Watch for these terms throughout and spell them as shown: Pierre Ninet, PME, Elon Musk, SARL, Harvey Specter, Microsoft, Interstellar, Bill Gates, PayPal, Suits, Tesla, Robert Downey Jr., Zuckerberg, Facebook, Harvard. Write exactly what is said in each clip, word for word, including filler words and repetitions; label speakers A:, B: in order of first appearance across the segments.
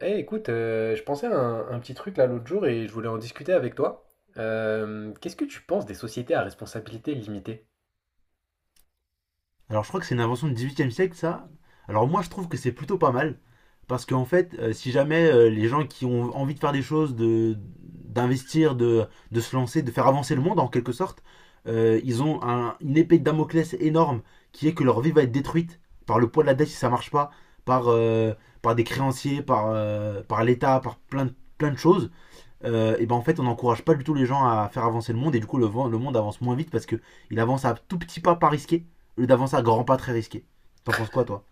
A: Eh, écoute, euh, je pensais à un, un petit truc là l'autre jour et je voulais en discuter avec toi. Euh, qu'est-ce que tu penses des sociétés à responsabilité limitée?
B: Alors, je crois que c'est une invention du dix-huitième siècle, ça. Alors, moi, je trouve que c'est plutôt pas mal. Parce qu'en fait, euh, si jamais euh, les gens qui ont envie de faire des choses, de, d'investir, de, de se lancer, de faire avancer le monde en quelque sorte, euh, ils ont un- une épée de Damoclès énorme qui est que leur vie va être détruite par le poids de la dette si ça marche pas, par, euh, par des créanciers, par, euh, par l'État, par plein de, plein de choses euh, et ben en fait on n'encourage pas du tout les gens à faire avancer le monde. Et du coup le, le monde avance moins vite parce que il avance à tout petit pas pas risqué au lieu d'avancer à grands pas très risqué. T'en penses quoi toi?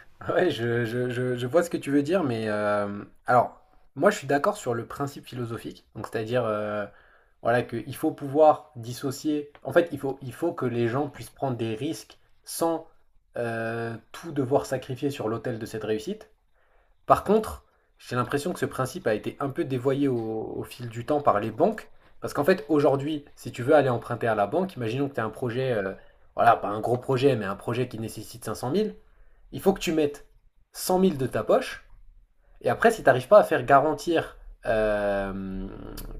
A: Ouais, je, je- je- je vois ce que tu veux dire, mais euh, alors, moi je suis d'accord sur le principe philosophique, donc c'est-à-dire, euh, voilà, qu'il faut pouvoir dissocier. En fait, il faut, il faut que les gens puissent prendre des risques sans euh, tout devoir sacrifier sur l'autel de cette réussite. Par contre, j'ai l'impression que ce principe a été un peu dévoyé au, au fil du temps par les banques. Parce qu'en fait, aujourd'hui, si tu veux aller emprunter à la banque, imaginons que tu as un projet, euh, voilà, pas un gros projet, mais un projet qui nécessite cinq cent mille. Il faut que tu mettes cent mille de ta poche. Et après, si tu n'arrives pas à faire garantir euh,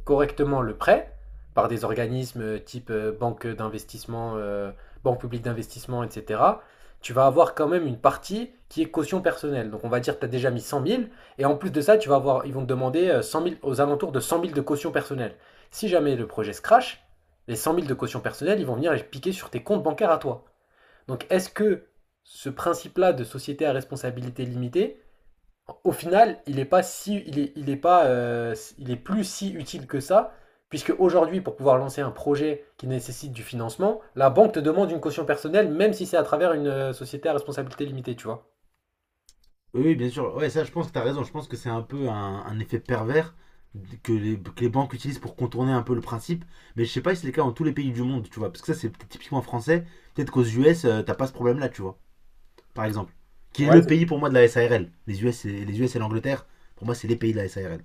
A: correctement le prêt par des organismes euh, type euh, banque d'investissement, euh, banque publique d'investissement, et cetera, tu vas avoir quand même une partie qui est caution personnelle. Donc on va dire que tu as déjà mis cent mille, et en plus de ça, tu vas avoir, ils vont te demander euh, cent mille, aux alentours de cent mille de caution personnelle. Si jamais le projet se crache, les cent mille de caution personnelle, ils vont venir les piquer sur tes comptes bancaires à toi. Donc est-ce que ce principe-là de société à responsabilité limitée, au final, il est pas si, il est, il est pas, euh, il est plus si utile que ça, puisque aujourd'hui, pour pouvoir lancer un projet qui nécessite du financement, la banque te demande une caution personnelle, même si c'est à travers une euh, société à responsabilité limitée, tu vois.
B: Oui oui, bien sûr, ouais ça je pense que t'as raison, je pense que c'est un peu un, un effet pervers que les, que les banques utilisent pour contourner un peu le principe, mais je sais pas si c'est le cas dans tous les pays du monde, tu vois, parce que ça c'est peut-être typiquement français, peut-être qu'aux U S euh, t'as pas ce problème là, tu vois, par exemple, qui est
A: Ouais,
B: le
A: c'est-
B: pays pour moi de la S A R L. Les U S et, les U S et l'Angleterre, pour moi c'est les pays de la S A R L.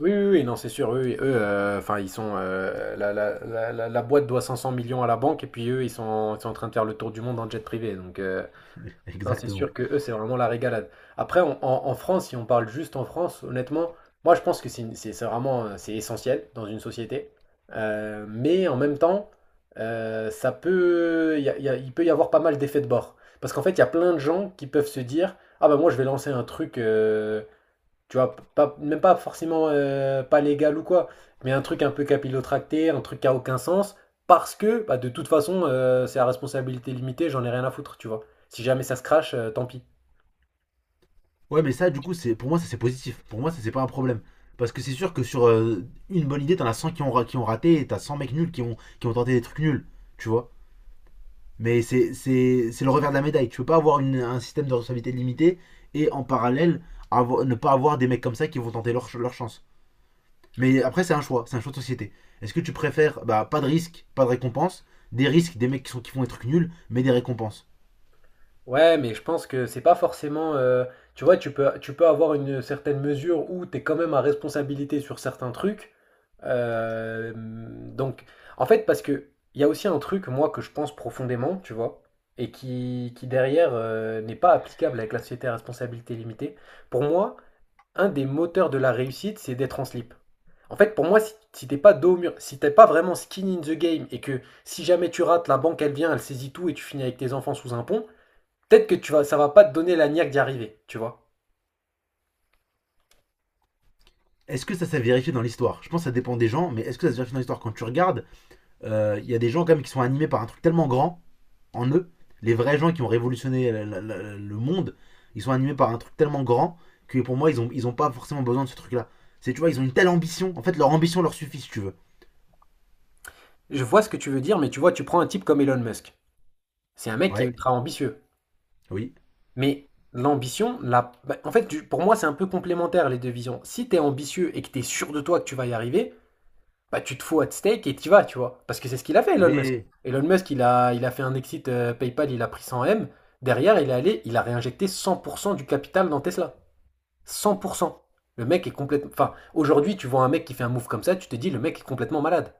A: oui, oui, oui, non, c'est sûr. Eux, et- eux, euh, enfin, ils sont, euh, la, la- la- la- la boîte doit 500 millions à la banque, et puis eux, ils sont, ils sont en train de faire le tour du monde en jet privé. Donc, euh, Non, c'est
B: Exactement.
A: sûr que eux, c'est vraiment la régalade. Après, on- en, en France, si on parle juste en France, honnêtement, moi, je pense que c'est une- c'est- c'est vraiment euh, c'est essentiel dans une société. Euh, mais en même temps, euh, ça peut, il y a- il y a- il peut y avoir pas mal d'effets de bord. Parce qu'en fait, il y a plein de gens qui peuvent se dire, ah bah moi, je vais lancer un truc, euh, tu vois, pas, même pas forcément euh, pas légal ou quoi, mais un truc un peu capillotracté, un truc qui a aucun sens, parce que bah, de toute façon, euh, c'est à responsabilité limitée, j'en ai rien à foutre, tu vois. Si jamais ça se crache, euh, tant pis.
B: Ouais, mais ça, du coup, c'est pour moi, ça c'est positif. Pour moi, ça c'est pas un problème. Parce que c'est sûr que sur euh, une bonne idée, t'en as cent qui ont, ra- qui ont raté et t'as cent mecs nuls qui ont, qui ont tenté des trucs nuls. Tu vois? Mais c'est c'est- c'est le revers de la médaille. Tu peux pas avoir une- un système de responsabilité limité et en parallèle avoir- ne pas avoir des mecs comme ça qui vont tenter leur, ch- leur chance. Mais après, c'est un choix. C'est un choix de société. Est-ce que tu préfères bah, pas de risque, pas de récompense, des risques, des mecs qui, sont, qui font des trucs nuls, mais des récompenses?
A: Ouais, mais je pense que c'est pas forcément. Euh, tu vois, tu peux, tu peux avoir une certaine mesure où tu es quand même à responsabilité sur certains trucs. Euh, donc, en fait, parce que il y a aussi un truc, moi, que je pense profondément, tu vois, et qui, qui derrière euh, n'est pas applicable avec la société à responsabilité limitée. Pour moi, un des moteurs de la réussite, c'est d'être en slip. En fait, pour moi, si, si t'es pas dos au mur, si t'es pas vraiment skin in the game, et que si jamais tu rates, la banque, elle vient, elle saisit tout, et tu finis avec tes enfants sous un pont. Peut-être que tu vas, ça va pas te donner la niaque d'y arriver, tu vois.
B: Est-ce que ça s'est vérifié dans l'histoire? Je pense que ça dépend des gens, mais est-ce que ça s'est vérifié dans l'histoire quand tu regardes? euh, il y a des gens quand même qui sont animés par un truc tellement grand en eux. Les vrais gens qui ont révolutionné la- la- la- le monde, ils sont animés par un truc tellement grand que pour moi, ils ont, ils ont pas forcément besoin de ce truc-là. C'est, tu vois, ils ont une telle ambition. En fait, leur ambition leur suffit, si tu veux.
A: Je vois ce que tu veux dire, mais tu vois, tu prends un type comme Elon Musk. C'est un mec qui est
B: Ouais,
A: ultra ambitieux.
B: oui,
A: Mais l'ambition, la... bah, en fait, tu- pour moi, c'est un peu complémentaire, les deux visions. Si tu es ambitieux et que tu es sûr de toi que tu vas y arriver, bah, tu te fous at stake et tu vas, tu vois. Parce que c'est ce qu'il a fait, Elon Musk.
B: oui.
A: Elon Musk, il a, il a fait un exit euh, PayPal, il a pris cent millions M. Derrière, il est allé, il a réinjecté cent pour cent du capital dans Tesla. cent pour cent. Le mec est complètement... Enfin, aujourd'hui, tu vois un mec qui fait un move comme ça, tu te dis, le mec est complètement malade.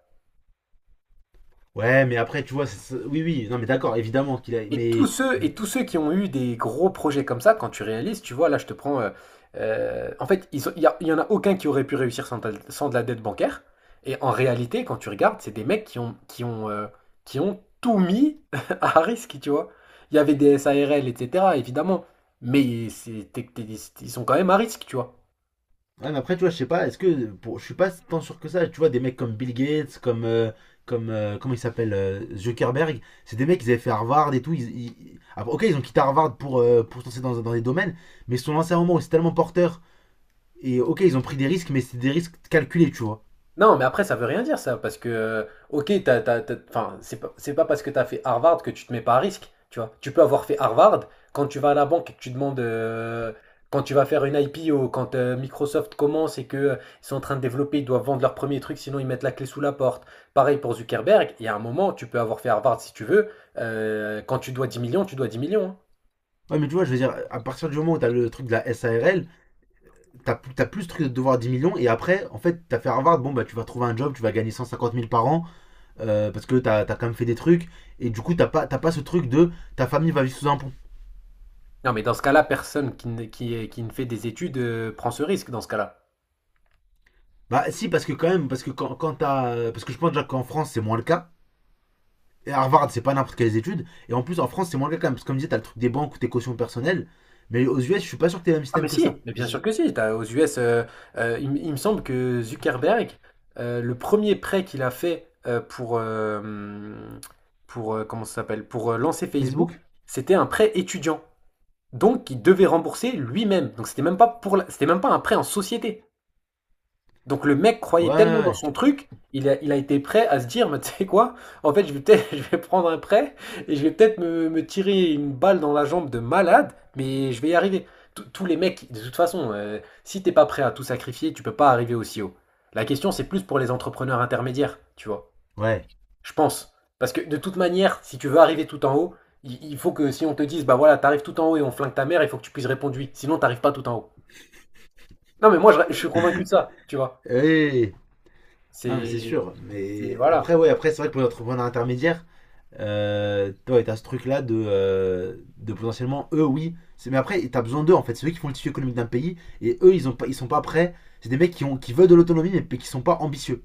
B: Ouais, mais après, tu vois, c'est- c'est- oui, oui, non, mais d'accord, évidemment qu'il a.
A: Et tous
B: Mais
A: ceux, et tous ceux qui ont eu des gros projets comme ça, quand tu réalises, tu vois, là, je te prends. Euh, euh, en fait, ils ont- il n'y y en a aucun qui aurait pu réussir sans, de- la- sans de la dette bancaire. Et en réalité, quand tu regardes, c'est des mecs qui ont, qui ont, euh, qui ont tout mis à risque, tu vois. Il y avait des S A R L, et cetera, évidemment. Mais c'est- t'es- t'es- ils sont quand même à risque, tu vois.
B: ouais, mais après, tu vois, je sais pas, est-ce que. Pour, je suis pas tant sûr que ça. Tu vois, des mecs comme Bill Gates, comme. euh, comme euh, comment il s'appelle euh, Zuckerberg, c'est des mecs, qui avaient fait Harvard et tout. Ils, ils- Après, ok, ils ont quitté Harvard pour, euh, pour se lancer dans, dans des domaines, mais ils se sont lancés à un moment où c'est tellement porteur. Et ok, ils ont pris des risques, mais c'était des risques calculés, tu vois.
A: Non, mais après, ça veut rien dire ça, parce que, euh, ok, t'as, t'as- t'as- enfin, c'est pas, c'est pas parce que t'as fait Harvard que tu te mets pas à risque, tu vois. Tu peux avoir fait Harvard, quand tu vas à la banque et que tu demandes, euh, quand tu vas faire une I P O, quand euh, Microsoft commence et que euh, ils sont en train de développer, ils doivent vendre leur premier truc, sinon ils mettent la clé sous la porte. Pareil pour Zuckerberg, il y a un moment, tu peux avoir fait Harvard si tu veux, euh, quand tu dois dix millions, tu dois dix millions, hein.
B: Ouais, mais tu vois, je veux dire, à partir du moment où t'as le truc de la S A R L, t'as plus, t'as plus ce truc de devoir dix millions, et après, en fait, t'as fait Harvard, bon, bah, tu vas trouver un job, tu vas gagner cent cinquante mille par an, euh, parce que t'as as quand même fait des trucs, et du coup, t'as pas, t'as pas ce truc de ta famille va vivre sous un pont.
A: Non, mais dans ce cas-là, personne qui ne, qui, qui ne fait des études, euh, prend ce risque dans ce cas-là.
B: Bah, si, parce que quand même, parce que quand, quand t'as. Parce que je pense déjà qu'en France, c'est moins le cas. Et Harvard, c'est pas n'importe quelles études. Et en plus, en France, c'est moins le cas quand même. Parce que comme je disais, t'as le truc des banques ou tes cautions personnelles. Mais aux U S, je suis pas sûr que t'aies le même
A: Ah mais
B: système que
A: si,
B: ça.
A: mais bien
B: Je-
A: sûr que si. T'as, aux U S, euh, euh, il, m- il me semble que Zuckerberg, euh, le premier prêt qu'il a fait euh, pour, euh, pour euh, comment ça s'appelle, pour euh, lancer Facebook,
B: Facebook.
A: c'était un prêt étudiant. Donc il devait rembourser lui-même. Donc c'était même pas pour la- c'était même pas un prêt en société. Donc le mec
B: Ouais,
A: croyait tellement dans
B: ouais,
A: son truc, il a, il a été prêt à se dire, mais tu sais quoi, en fait je vais peut-être, je vais prendre un prêt et je vais peut-être me, me tirer une balle dans la jambe de malade, mais je vais y arriver. Tous tous les mecs, de toute façon, euh, si t'es pas prêt à tout sacrifier, tu peux pas arriver aussi haut. La question c'est plus pour les entrepreneurs intermédiaires, tu vois,
B: ouais.
A: je pense. Parce que de toute manière, si tu veux arriver tout en haut, il, il faut que si on te dise, bah voilà, t'arrives tout en haut et on flingue ta mère, il faut que tu puisses répondre oui, sinon t'arrives pas tout en haut. Non mais moi, je, je suis convaincu de ça, tu vois.
B: Ouais. Hey. Non, mais c'est
A: C'est...
B: sûr.
A: C'est-
B: Mais
A: Voilà.
B: après, ouais, après, c'est vrai que pour les entrepreneurs intermédiaires, euh, ouais, t'as ce truc-là de, euh, de potentiellement, eux, oui. c'est- Mais après, t'as besoin d'eux, en fait. C'est eux qui font le tissu économique d'un pays. Et eux, ils, ont pas, ils sont pas prêts. C'est des mecs qui, ont, qui veulent de l'autonomie, mais qui sont pas ambitieux.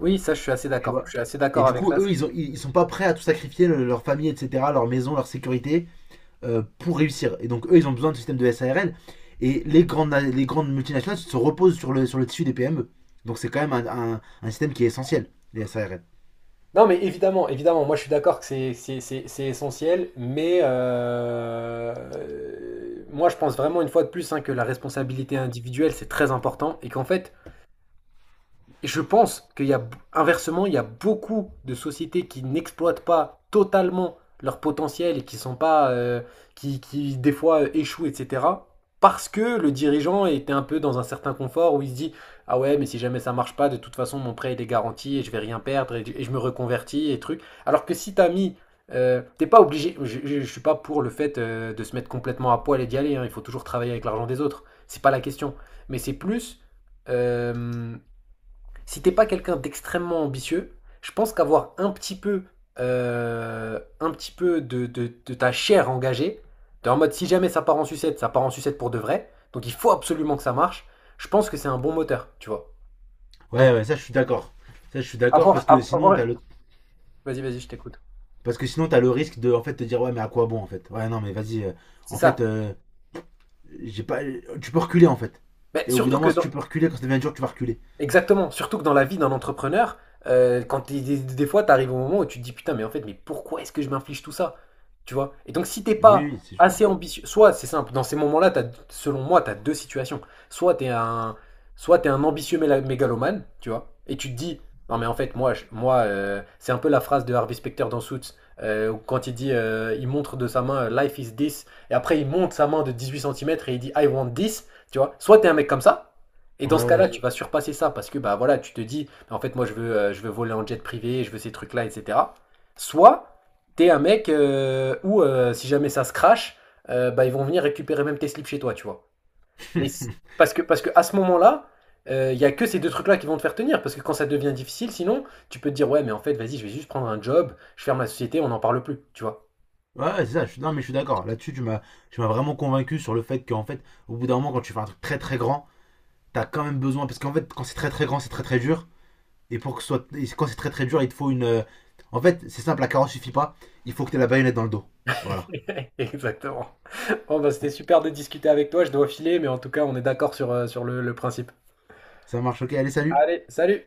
A: Oui, ça, je suis assez
B: Tu
A: d'accord. Je
B: vois.
A: suis assez
B: Et
A: d'accord
B: du
A: avec
B: coup,
A: ça.
B: eux, ils, ont, ils, ils sont pas prêts à tout sacrifier, le- leur famille, et cetera, leur maison, leur sécurité, euh, pour réussir. Et donc, eux, ils ont besoin de système de S A R L. Et les grandes, les grandes multinationales se reposent sur le, sur le tissu des P M E. Donc, c'est quand même un, un, un système qui est essentiel, les S A R L.
A: Non, mais évidemment, évidemment, moi je suis d'accord que c'est c'est- c'est- c'est essentiel, mais euh, euh, moi je pense vraiment une fois de plus, hein, que la responsabilité individuelle c'est très important et qu'en fait je pense qu'il y a, inversement, il y a beaucoup de sociétés qui n'exploitent pas totalement leur potentiel et qui sont pas euh, qui, qui, des fois euh, échouent, et cetera. Parce que le dirigeant était un peu dans un certain confort où il se dit, ah ouais mais si jamais ça marche pas, de toute façon mon prêt il est garanti et je vais rien perdre, et, et je me reconvertis et trucs. Alors que si t'as mis euh, t'es pas obligé, je ne suis pas pour le fait euh, de se mettre complètement à poil et d'y aller, hein. Il faut toujours travailler avec l'argent des autres, c'est pas la question, mais c'est plus, euh, si t'es pas quelqu'un d'extrêmement ambitieux, je pense qu'avoir un petit peu, euh, un petit peu de, de- de ta chair engagée, de- en mode si jamais ça part en sucette, ça part en sucette pour de vrai, donc il faut absolument que ça marche, je pense que c'est un bon moteur, tu vois.
B: Ouais,
A: Donc
B: ouais, ça je suis d'accord. Ça je suis d'accord
A: avoir,
B: parce que sinon
A: avoir...
B: t'as le
A: Vas-y, vas-y, je t'écoute.
B: parce que sinon t'as le risque de en fait te dire ouais mais à quoi bon en fait. Ouais non mais vas-y. Euh,
A: C'est
B: en fait
A: ça.
B: euh, j'ai pas tu peux reculer en fait.
A: Mais
B: Et au bout d'un
A: surtout que
B: moment si
A: dans,
B: tu peux reculer quand ça devient dur tu vas reculer.
A: Exactement, surtout que dans la vie d'un entrepreneur, heu, quand tu des des fois, tu arrives au moment où tu te dis: «Putain, mais en fait, mais pourquoi est-ce que je m'inflige tout ça?» Tu vois? Et donc si t'es
B: Oui,
A: pas
B: oui, c'est sûr.
A: assez ambitieux, soit c'est simple, dans ces moments-là, t'as, selon moi, tu as deux situations. Soit tu es un Soit t'es un ambitieux méla mégalomane, tu vois? Et tu te dis: «Non mais en fait, moi je moi, heu», c'est un peu la phrase de Harvey Specter dans Suits, euh, où quand il dit, heu, il montre de sa main, heu: «Life is this», et après il monte sa main de dix-huit centimètres et il dit: «I want this», tu vois? Soit tu es un mec comme ça, et
B: Ouais
A: dans ce cas-là,
B: ouais.
A: tu vas surpasser ça parce que bah voilà, tu te dis bah, en fait moi je veux euh, je veux voler en jet privé, je veux ces trucs-là, et cetera. Soit t'es un mec euh, où euh, si jamais ça se crache, euh, bah ils vont venir récupérer même tes slips chez toi, tu vois.
B: Ouais
A: Parce que parce que à ce moment-là, il y a que ces deux trucs-là qui vont te faire tenir. Parce que quand ça devient difficile, sinon tu peux te dire ouais mais en fait vas-y je vais juste prendre un job, je ferme la société, on n'en parle plus, tu vois.
B: ouais, c'est ça. Je suis... Non mais je suis d'accord. Là-dessus tu m'as tu m'as vraiment convaincu sur le fait qu'en fait au bout d'un moment quand tu fais un truc très très grand t'as quand même besoin, parce qu'en fait quand c'est très très grand c'est très très dur, et pour que ce soit et quand c'est très très dur il te faut une euh, en fait c'est simple, la carotte suffit pas, il faut que t'aies la baïonnette dans le dos. Voilà.
A: Exactement. Bon bah, c'était super de discuter avec toi, je dois filer, mais en tout cas on est d'accord sur, euh, sur le, le principe.
B: Ça marche, ok. Allez, salut
A: Allez, salut!